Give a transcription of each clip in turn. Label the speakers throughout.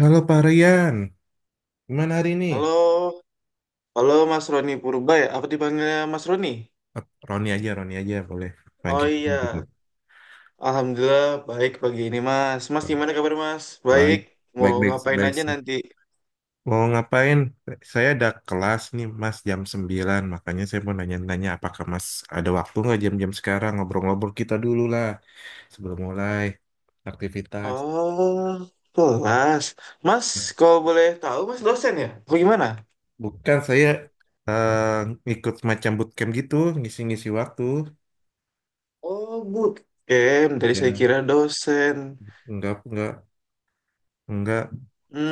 Speaker 1: Halo Pak Rian, gimana hari ini?
Speaker 2: Halo, halo Mas Roni Purba ya? Apa dipanggilnya Mas Roni?
Speaker 1: Eh, Roni aja boleh.
Speaker 2: Oh
Speaker 1: Panggil nama juga.
Speaker 2: iya, alhamdulillah baik pagi ini Mas. Mas gimana kabar Mas? Baik,
Speaker 1: Baik,
Speaker 2: mau
Speaker 1: baik, baik,
Speaker 2: ngapain
Speaker 1: baik.
Speaker 2: aja nanti?
Speaker 1: Mau ngapain? Saya ada kelas nih Mas jam 9, makanya saya mau nanya-nanya apakah Mas ada waktu nggak jam-jam sekarang ngobrol-ngobrol kita dulu lah sebelum mulai aktivitas.
Speaker 2: Oh, kelas. Mas, kalau boleh tahu Mas dosen ya? Apa gimana?
Speaker 1: Bukan saya, eh, ikut macam bootcamp gitu, ngisi-ngisi waktu.
Speaker 2: Oh, bootcamp. Dari saya
Speaker 1: Ya,
Speaker 2: kira dosen.
Speaker 1: enggak, enggak.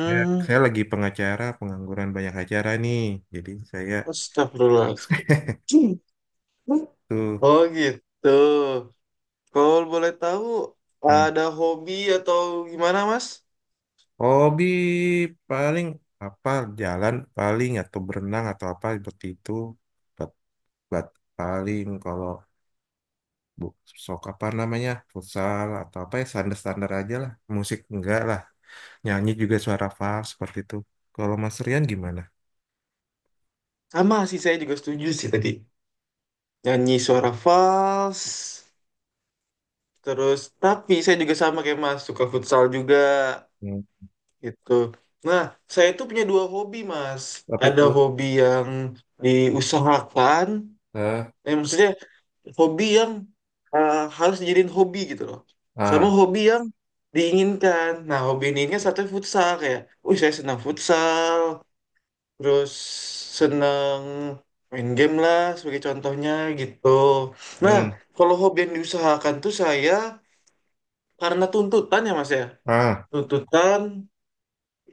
Speaker 1: Saya, saya lagi pengacara, pengangguran banyak acara nih. Jadi saya
Speaker 2: astagfirullahaladzim.
Speaker 1: tuh
Speaker 2: Oh gitu. Kalau boleh tahu,
Speaker 1: hmm,
Speaker 2: ada hobi atau gimana Mas?
Speaker 1: hobi paling apa jalan paling atau berenang atau apa seperti itu. Bat bat paling kalau bu, sok apa namanya futsal atau apa ya standar-standar aja lah. Musik enggak lah. Nyanyi juga suara fals seperti itu. Kalau Mas Rian gimana?
Speaker 2: Sama sih saya juga setuju sih tadi. Nyanyi suara fals, terus tapi saya juga sama kayak Mas, suka futsal juga
Speaker 1: Hmm,
Speaker 2: gitu. Nah, saya itu punya dua hobi Mas.
Speaker 1: apa
Speaker 2: Ada
Speaker 1: itu?
Speaker 2: hobi yang diusahakan,
Speaker 1: Eh,
Speaker 2: eh, maksudnya hobi yang eh, harus dijadiin hobi gitu loh. Sama
Speaker 1: ah,
Speaker 2: hobi yang diinginkan. Nah, hobi yang diinginkan satu futsal kayak, saya senang futsal, terus seneng main game lah sebagai contohnya gitu. Nah,
Speaker 1: hmm,
Speaker 2: kalau hobi yang diusahakan tuh saya karena tuntutan ya Mas ya.
Speaker 1: ah.
Speaker 2: Tuntutan,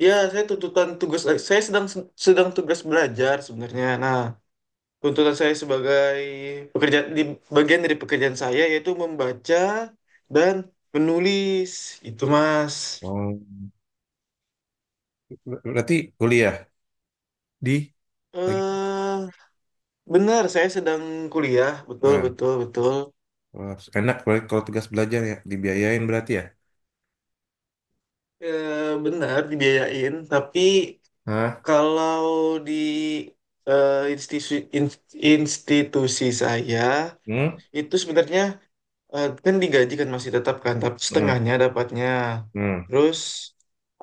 Speaker 2: ya saya tuntutan tugas saya sedang sedang tugas belajar sebenarnya. Nah, tuntutan saya sebagai pekerja di bagian dari pekerjaan saya yaitu membaca dan menulis. Itu Mas.
Speaker 1: Oh, berarti kuliah di lagi.
Speaker 2: Eh, benar saya sedang kuliah, betul
Speaker 1: Eh,
Speaker 2: betul betul.
Speaker 1: Wah, enak berarti kalau tugas belajar ya, dibiayain berarti ya?
Speaker 2: Eh, benar dibiayain, tapi
Speaker 1: Hah?
Speaker 2: kalau di eh, institusi institusi saya
Speaker 1: Hmm?
Speaker 2: itu sebenarnya eh, kan digaji kan masih tetap kan, tapi
Speaker 1: Hmm.
Speaker 2: setengahnya dapatnya.
Speaker 1: Hmm.
Speaker 2: Terus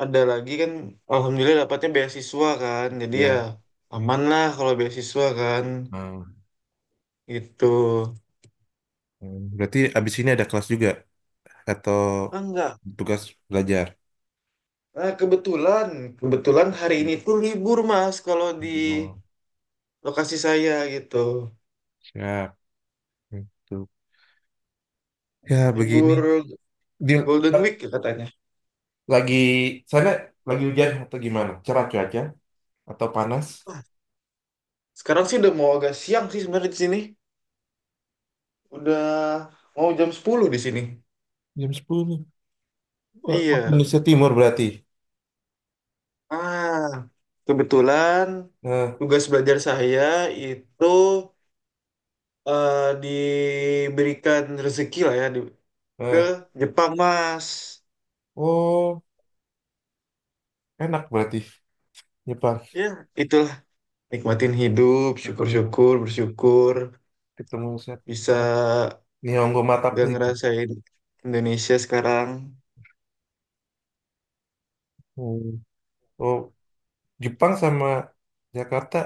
Speaker 2: ada lagi kan, alhamdulillah dapatnya beasiswa kan, jadi ya
Speaker 1: Ya.
Speaker 2: aman lah kalau beasiswa kan,
Speaker 1: Hmm.
Speaker 2: gitu.
Speaker 1: Hmm. Berarti abis ini ada kelas juga atau
Speaker 2: Ah, enggak.
Speaker 1: tugas belajar?
Speaker 2: Nah, kebetulan, kebetulan hari ini tuh libur Mas kalau di
Speaker 1: Oh,
Speaker 2: lokasi saya gitu
Speaker 1: siap. Itu. Ya, begini.
Speaker 2: libur
Speaker 1: Dia
Speaker 2: Golden Week ya katanya.
Speaker 1: lagi sana lagi hujan atau gimana? Cerah cuaca atau panas?
Speaker 2: Sekarang sih udah mau agak siang sih sebenarnya di sini. Udah mau jam 10 di sini.
Speaker 1: Jam 10, wah, waktu
Speaker 2: Iya.
Speaker 1: Indonesia Timur berarti.
Speaker 2: Ah, kebetulan
Speaker 1: Eh,
Speaker 2: tugas belajar saya itu eh, diberikan rezeki lah ya ke
Speaker 1: eh.
Speaker 2: Jepang, Mas.
Speaker 1: Oh, enak berarti. Jepang
Speaker 2: Ya, itulah nikmatin hidup,
Speaker 1: ketemu
Speaker 2: syukur-syukur, bersyukur
Speaker 1: ketemu set.
Speaker 2: bisa
Speaker 1: Nihongo Mataku
Speaker 2: gak
Speaker 1: itu.
Speaker 2: ngerasain Indonesia sekarang.
Speaker 1: Hmm. Oh, Jepang sama Jakarta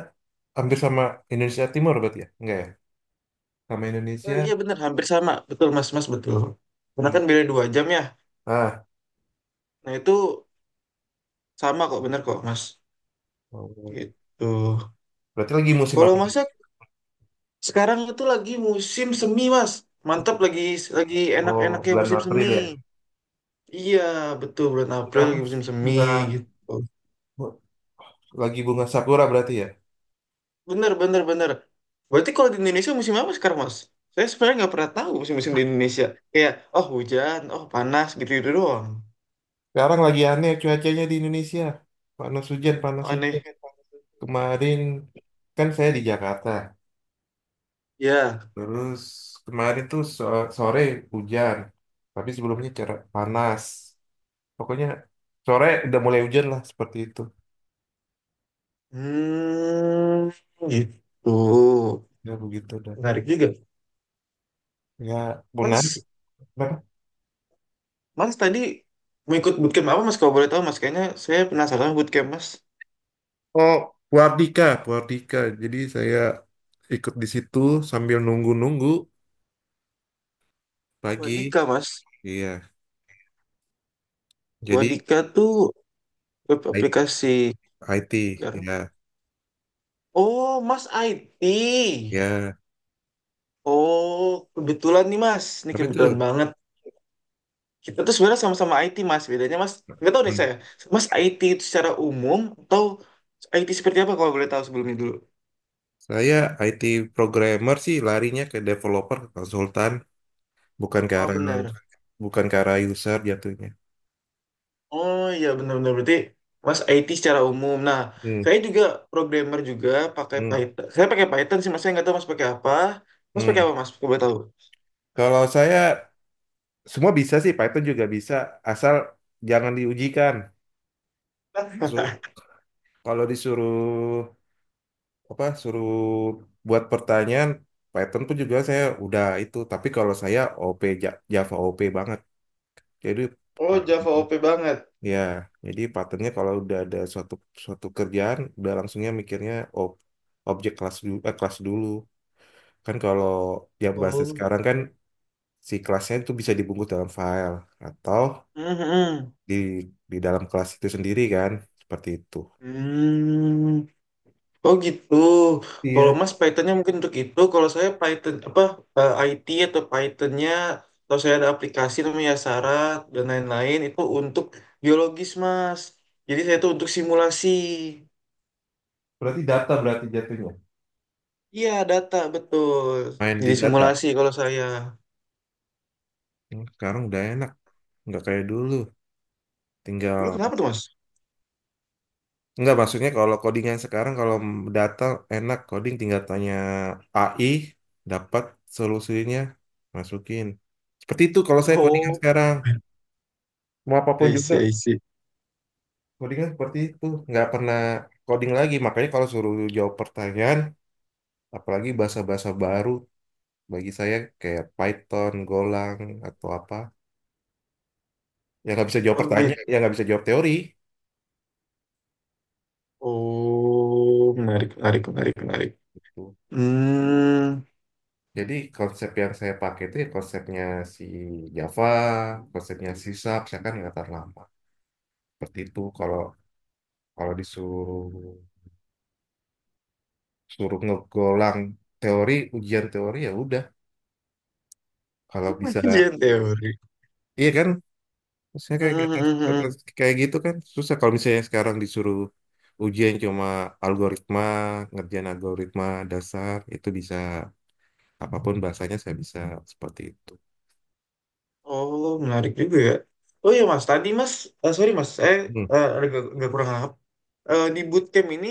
Speaker 1: hampir sama Indonesia Timur berarti ya? Enggak ya? Sama
Speaker 2: Eh,
Speaker 1: Indonesia?
Speaker 2: iya bener, hampir sama. Betul, Mas, Mas, betul. Karena
Speaker 1: Hmm.
Speaker 2: kan beda 2 jam ya.
Speaker 1: Ah,
Speaker 2: Nah itu sama kok bener kok Mas.
Speaker 1: oh.
Speaker 2: Gitu.
Speaker 1: Berarti lagi musim
Speaker 2: Kalau
Speaker 1: apa?
Speaker 2: Masnya sekarang itu lagi musim semi Mas. Mantap lagi
Speaker 1: Oh,
Speaker 2: enak-enaknya
Speaker 1: bulan
Speaker 2: musim semi.
Speaker 1: April ya.
Speaker 2: Iya betul bulan April
Speaker 1: Kenapa?
Speaker 2: lagi musim semi
Speaker 1: Bunga
Speaker 2: gitu.
Speaker 1: bu- lagi bunga sakura berarti ya.
Speaker 2: Bener bener bener. Berarti kalau di Indonesia musim apa sekarang Mas? Saya sebenarnya nggak pernah tahu musim-musim di Indonesia. Kayak oh hujan, oh panas gitu-gitu doang.
Speaker 1: Sekarang lagi aneh cuacanya di Indonesia. Panas hujan, panas hujan.
Speaker 2: Aneh.
Speaker 1: Kemarin kan saya di Jakarta.
Speaker 2: Ya.
Speaker 1: Terus kemarin tuh sore hujan, tapi sebelumnya cerah panas. Pokoknya sore udah mulai hujan lah seperti itu.
Speaker 2: Hmm, gitu.
Speaker 1: Ya begitu dah.
Speaker 2: Menarik juga.
Speaker 1: Ya menarik.
Speaker 2: Mas,
Speaker 1: Kenapa?
Speaker 2: Mas tadi mau ikut bootcamp apa Mas kalau boleh tahu Mas? Kayaknya saya penasaran sama bootcamp Mas.
Speaker 1: Oh, Buardika, Buardika. Jadi saya ikut di situ sambil nunggu-nunggu pagi.
Speaker 2: Wadika Mas.
Speaker 1: Iya. Jadi
Speaker 2: Wadika tuh web
Speaker 1: I-
Speaker 2: aplikasi.
Speaker 1: IT, ya,
Speaker 2: Oh Mas IT.
Speaker 1: ya.
Speaker 2: Oh kebetulan nih Mas. Ini
Speaker 1: Tapi itu
Speaker 2: kebetulan banget. Kita tuh sebenarnya sama-sama IT Mas. Bedanya Mas nggak tahu nih
Speaker 1: hmm,
Speaker 2: saya. Mas IT itu secara umum atau IT seperti apa kalau boleh tahu sebelumnya dulu?
Speaker 1: saya IT programmer sih larinya ke developer, ke konsultan, bukan ke
Speaker 2: Oh
Speaker 1: arah
Speaker 2: benar.
Speaker 1: bukan ke arah user jatuhnya.
Speaker 2: Oh iya benar-benar berarti Mas IT secara umum. Nah,
Speaker 1: Hmm,
Speaker 2: saya juga programmer juga pakai
Speaker 1: hmm,
Speaker 2: Python. Saya pakai Python sih, Mas. Saya nggak tahu Mas pakai apa. Mas pakai
Speaker 1: hmm.
Speaker 2: apa, Mas? Coba tahu.
Speaker 1: Kalau saya semua bisa sih, Python juga bisa, asal jangan diujikan. Su- Kalau disuruh apa, suruh buat pertanyaan, Python pun juga saya udah itu. Tapi kalau saya OP Java OP banget, jadi
Speaker 2: Oh, Java
Speaker 1: Python.
Speaker 2: OP banget.
Speaker 1: Ya, jadi patternnya kalau udah ada suatu suatu kerjaan, udah langsungnya mikirnya ob, objek kelas dulu, kelas dulu. Kan kalau yang bahasa
Speaker 2: Oh.
Speaker 1: sekarang kan si kelasnya itu bisa dibungkus dalam file atau
Speaker 2: Mhm.
Speaker 1: di di dalam kelas itu sendiri kan seperti itu.
Speaker 2: Hmm. Oh gitu. Kalau
Speaker 1: Iya,
Speaker 2: Mas Pythonnya mungkin untuk itu. Kalau saya Python apa eh, IT atau Pythonnya atau saya ada aplikasi namanya Syarat dan lain-lain itu untuk biologis Mas. Jadi saya itu untuk simulasi.
Speaker 1: berarti data berarti jatuhnya.
Speaker 2: Iya, data betul.
Speaker 1: Main di
Speaker 2: Jadi
Speaker 1: data
Speaker 2: simulasi kalau saya.
Speaker 1: hmm, sekarang udah enak nggak kayak dulu
Speaker 2: Dulu
Speaker 1: tinggal
Speaker 2: kenapa tuh, Mas?
Speaker 1: nggak maksudnya kalau codingan sekarang kalau data enak coding tinggal tanya AI dapat solusinya masukin seperti itu kalau saya codingan
Speaker 2: Oh,
Speaker 1: sekarang mau apapun
Speaker 2: I
Speaker 1: juga
Speaker 2: see, I see.
Speaker 1: codingan seperti itu nggak pernah coding lagi makanya kalau suruh jawab pertanyaan apalagi bahasa-bahasa baru. Bagi saya kayak Python, Golang, atau apa. Yang nggak bisa jawab
Speaker 2: Oh
Speaker 1: pertanyaan, yang
Speaker 2: gitu.
Speaker 1: nggak bisa jawab teori.
Speaker 2: Oh, menarik, menarik, menarik, menarik.
Speaker 1: Gitu.
Speaker 2: Hmm,
Speaker 1: Jadi konsep yang saya pakai itu ya konsepnya si Java, konsepnya si Sharp, saya kan ingatan lama. Seperti itu kalau kalau disuruh suruh ngegolang teori, ujian teori ya udah. Kalau bisa,
Speaker 2: kajian teori.
Speaker 1: iya kan? Maksudnya
Speaker 2: Hmm,
Speaker 1: kayak kayak
Speaker 2: hmm, hmm, hmm.
Speaker 1: kayak gitu kan susah kalau misalnya sekarang disuruh ujian cuma algoritma, ngerjain algoritma dasar itu bisa apapun bahasanya saya bisa seperti itu.
Speaker 2: Oh, menarik juga ya. Oh iya, Mas. Tadi, Mas, eh, sorry, Mas, saya
Speaker 1: Hmm.
Speaker 2: eh, agak, agak kurang paham. Eh, di bootcamp ini,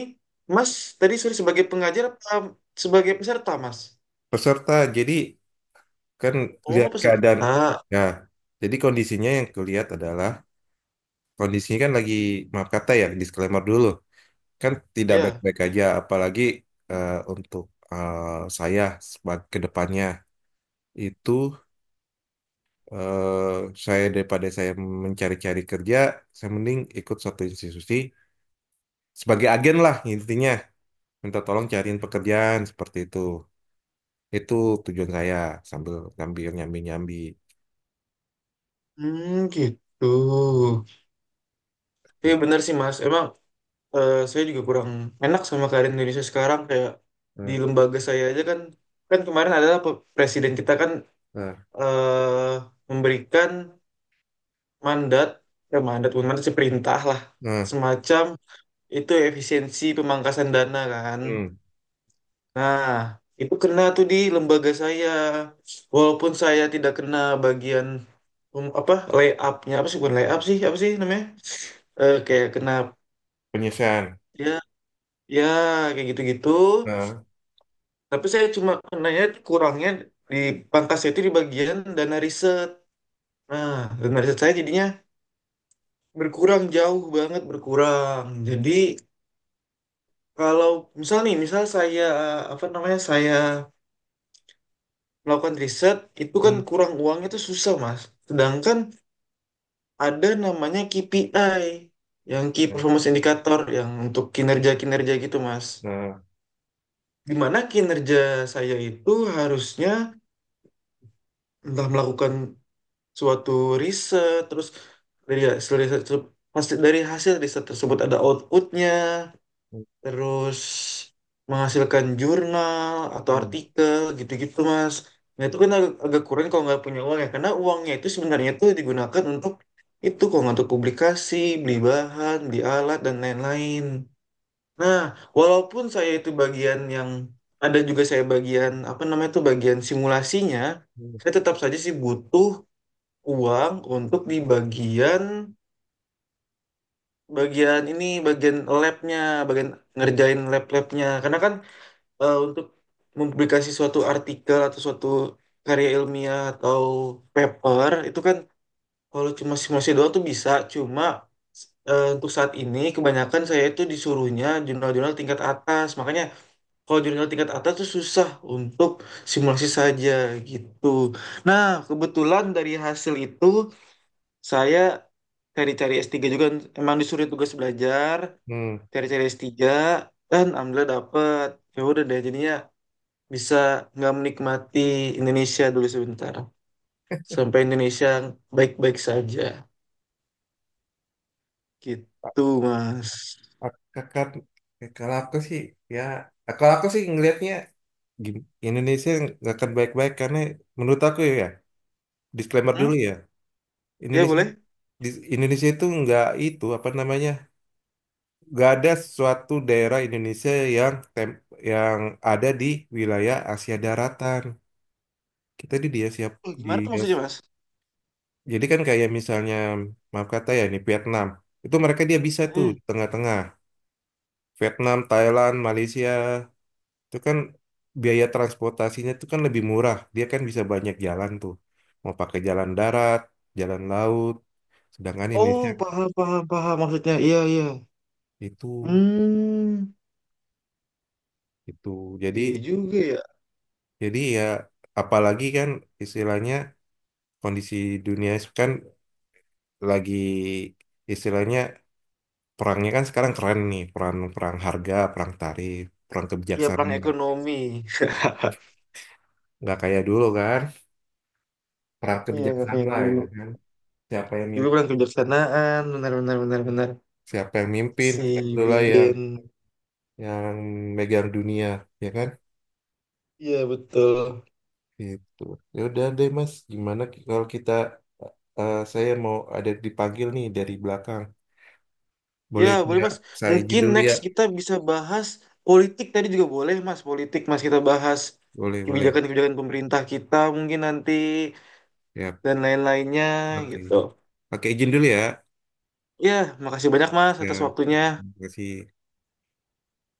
Speaker 2: Mas, tadi sorry sebagai pengajar apa sebagai peserta, Mas?
Speaker 1: Peserta, jadi kan
Speaker 2: Oh,
Speaker 1: lihat keadaan.
Speaker 2: peserta.
Speaker 1: Ya, jadi kondisinya yang kulihat adalah kondisinya kan lagi maaf kata ya disclaimer dulu kan tidak
Speaker 2: Ya.
Speaker 1: baik-baik aja, apalagi untuk eh, saya ke depannya itu saya daripada saya mencari-cari kerja, saya mending ikut suatu institusi sebagai agen lah intinya minta tolong cariin pekerjaan seperti itu. Itu tujuan saya sambil sambil nyambi-nyambi
Speaker 2: Hmm, gitu. Iya
Speaker 1: gitu.
Speaker 2: benar sih Mas. Emang eh, saya juga kurang enak sama keadaan Indonesia sekarang kayak di
Speaker 1: Nah,
Speaker 2: lembaga saya aja kan kan kemarin adalah presiden kita kan
Speaker 1: nah,
Speaker 2: eh, memberikan mandat eh, mandat bukan mandat sih perintah lah
Speaker 1: nah,
Speaker 2: semacam itu efisiensi pemangkasan dana kan.
Speaker 1: hmm,
Speaker 2: Nah, itu kena tuh di lembaga saya walaupun saya tidak kena bagian apa layupnya apa sih bukan layup sih apa sih namanya. Eh, kayak kena
Speaker 1: penyelesaian.
Speaker 2: ya. Ya, kayak gitu-gitu.
Speaker 1: Nah,
Speaker 2: Tapi saya cuma kenanya kurangnya di pangkasnya itu di bagian dana riset. Nah, dana riset saya jadinya berkurang jauh banget berkurang. Jadi kalau misal nih, misal saya apa namanya saya melakukan riset itu kan
Speaker 1: hmm,
Speaker 2: kurang uangnya itu susah, Mas. Sedangkan ada namanya KPI yang Key
Speaker 1: nah,
Speaker 2: Performance Indicator yang untuk kinerja-kinerja gitu, Mas.
Speaker 1: nah,
Speaker 2: Di mana kinerja saya itu harusnya entah melakukan suatu riset terus dari hasil riset hasil dari hasil riset tersebut ada outputnya
Speaker 1: hmm,
Speaker 2: terus menghasilkan jurnal atau
Speaker 1: hmm,
Speaker 2: artikel gitu-gitu mas. Nah itu kan agak, agak kurang kalau nggak punya uang ya karena uangnya itu sebenarnya itu digunakan untuk itu kalau untuk publikasi beli bahan beli alat dan lain-lain. Nah walaupun saya itu bagian yang ada juga saya bagian apa namanya itu bagian simulasinya
Speaker 1: hmm.
Speaker 2: saya tetap saja sih butuh uang untuk di bagian bagian ini bagian labnya bagian ngerjain lab-labnya karena kan eh, untuk mempublikasi suatu artikel atau suatu karya ilmiah atau paper itu kan kalau cuma simulasi doang tuh bisa cuma eh, untuk saat ini kebanyakan saya itu disuruhnya jurnal-jurnal tingkat atas makanya kalau jurnal tingkat atas tuh susah untuk simulasi saja gitu. Nah kebetulan dari hasil itu saya cari-cari S3 juga emang disuruh tugas belajar
Speaker 1: Hmm.
Speaker 2: cari-cari S3 dan alhamdulillah dapet ya udah deh jadinya bisa nggak menikmati Indonesia dulu sebentar sampai Indonesia baik-baik saja
Speaker 1: A-
Speaker 2: gitu mas.
Speaker 1: Kakak, eh, kalau aku sih ya, kalau aku sih ngelihatnya gini, Indonesia nggak akan baik-baik karena menurut aku ya, disclaimer dulu
Speaker 2: Hmm?
Speaker 1: ya,
Speaker 2: Ya
Speaker 1: Indonesia
Speaker 2: boleh.
Speaker 1: di Indonesia itu nggak itu apa namanya nggak ada suatu daerah Indonesia yang yang ada di wilayah Asia Daratan kita di dia siap
Speaker 2: Oh,
Speaker 1: di
Speaker 2: gimana tuh maksudnya mas?
Speaker 1: jadi kan kayak misalnya maaf kata ya ini Vietnam itu mereka dia bisa tuh
Speaker 2: Hmm.
Speaker 1: di tengah-tengah Vietnam Thailand Malaysia itu kan biaya transportasinya itu kan lebih murah dia kan bisa banyak jalan tuh mau pakai jalan darat jalan laut sedangkan Indonesia
Speaker 2: Oh paham paham paham maksudnya iya iya.
Speaker 1: itu
Speaker 2: Hmm,
Speaker 1: itu jadi
Speaker 2: iya juga ya.
Speaker 1: jadi ya apalagi kan istilahnya kondisi dunia kan lagi istilahnya perangnya kan sekarang keren nih perang perang harga perang tarif perang
Speaker 2: Iya perang
Speaker 1: kebijaksanaan
Speaker 2: ekonomi.
Speaker 1: nggak kayak dulu kan perang
Speaker 2: Iya nggak
Speaker 1: kebijaksanaan
Speaker 2: kayak
Speaker 1: lah
Speaker 2: dulu.
Speaker 1: ya kan siapa yang
Speaker 2: Dulu perang
Speaker 1: mimpin,
Speaker 2: kebijaksanaan benar benar benar benar
Speaker 1: siapa yang mimpin
Speaker 2: si
Speaker 1: itulah yang
Speaker 2: Biden.
Speaker 1: yang megang dunia ya kan
Speaker 2: Iya betul.
Speaker 1: itu ya udah deh mas gimana kalau kita eh, saya mau ada dipanggil nih dari belakang
Speaker 2: Ya
Speaker 1: boleh
Speaker 2: boleh
Speaker 1: nggak
Speaker 2: mas.
Speaker 1: saya izin
Speaker 2: Mungkin
Speaker 1: dulu ya
Speaker 2: next kita bisa bahas politik tadi juga boleh mas. Politik mas kita bahas
Speaker 1: boleh boleh
Speaker 2: kebijakan-kebijakan pemerintah kita mungkin nanti
Speaker 1: ya
Speaker 2: dan lain-lainnya
Speaker 1: oke
Speaker 2: gitu.
Speaker 1: oke izin dulu ya
Speaker 2: Ya makasih banyak mas
Speaker 1: ya
Speaker 2: atas waktunya.
Speaker 1: terima kasih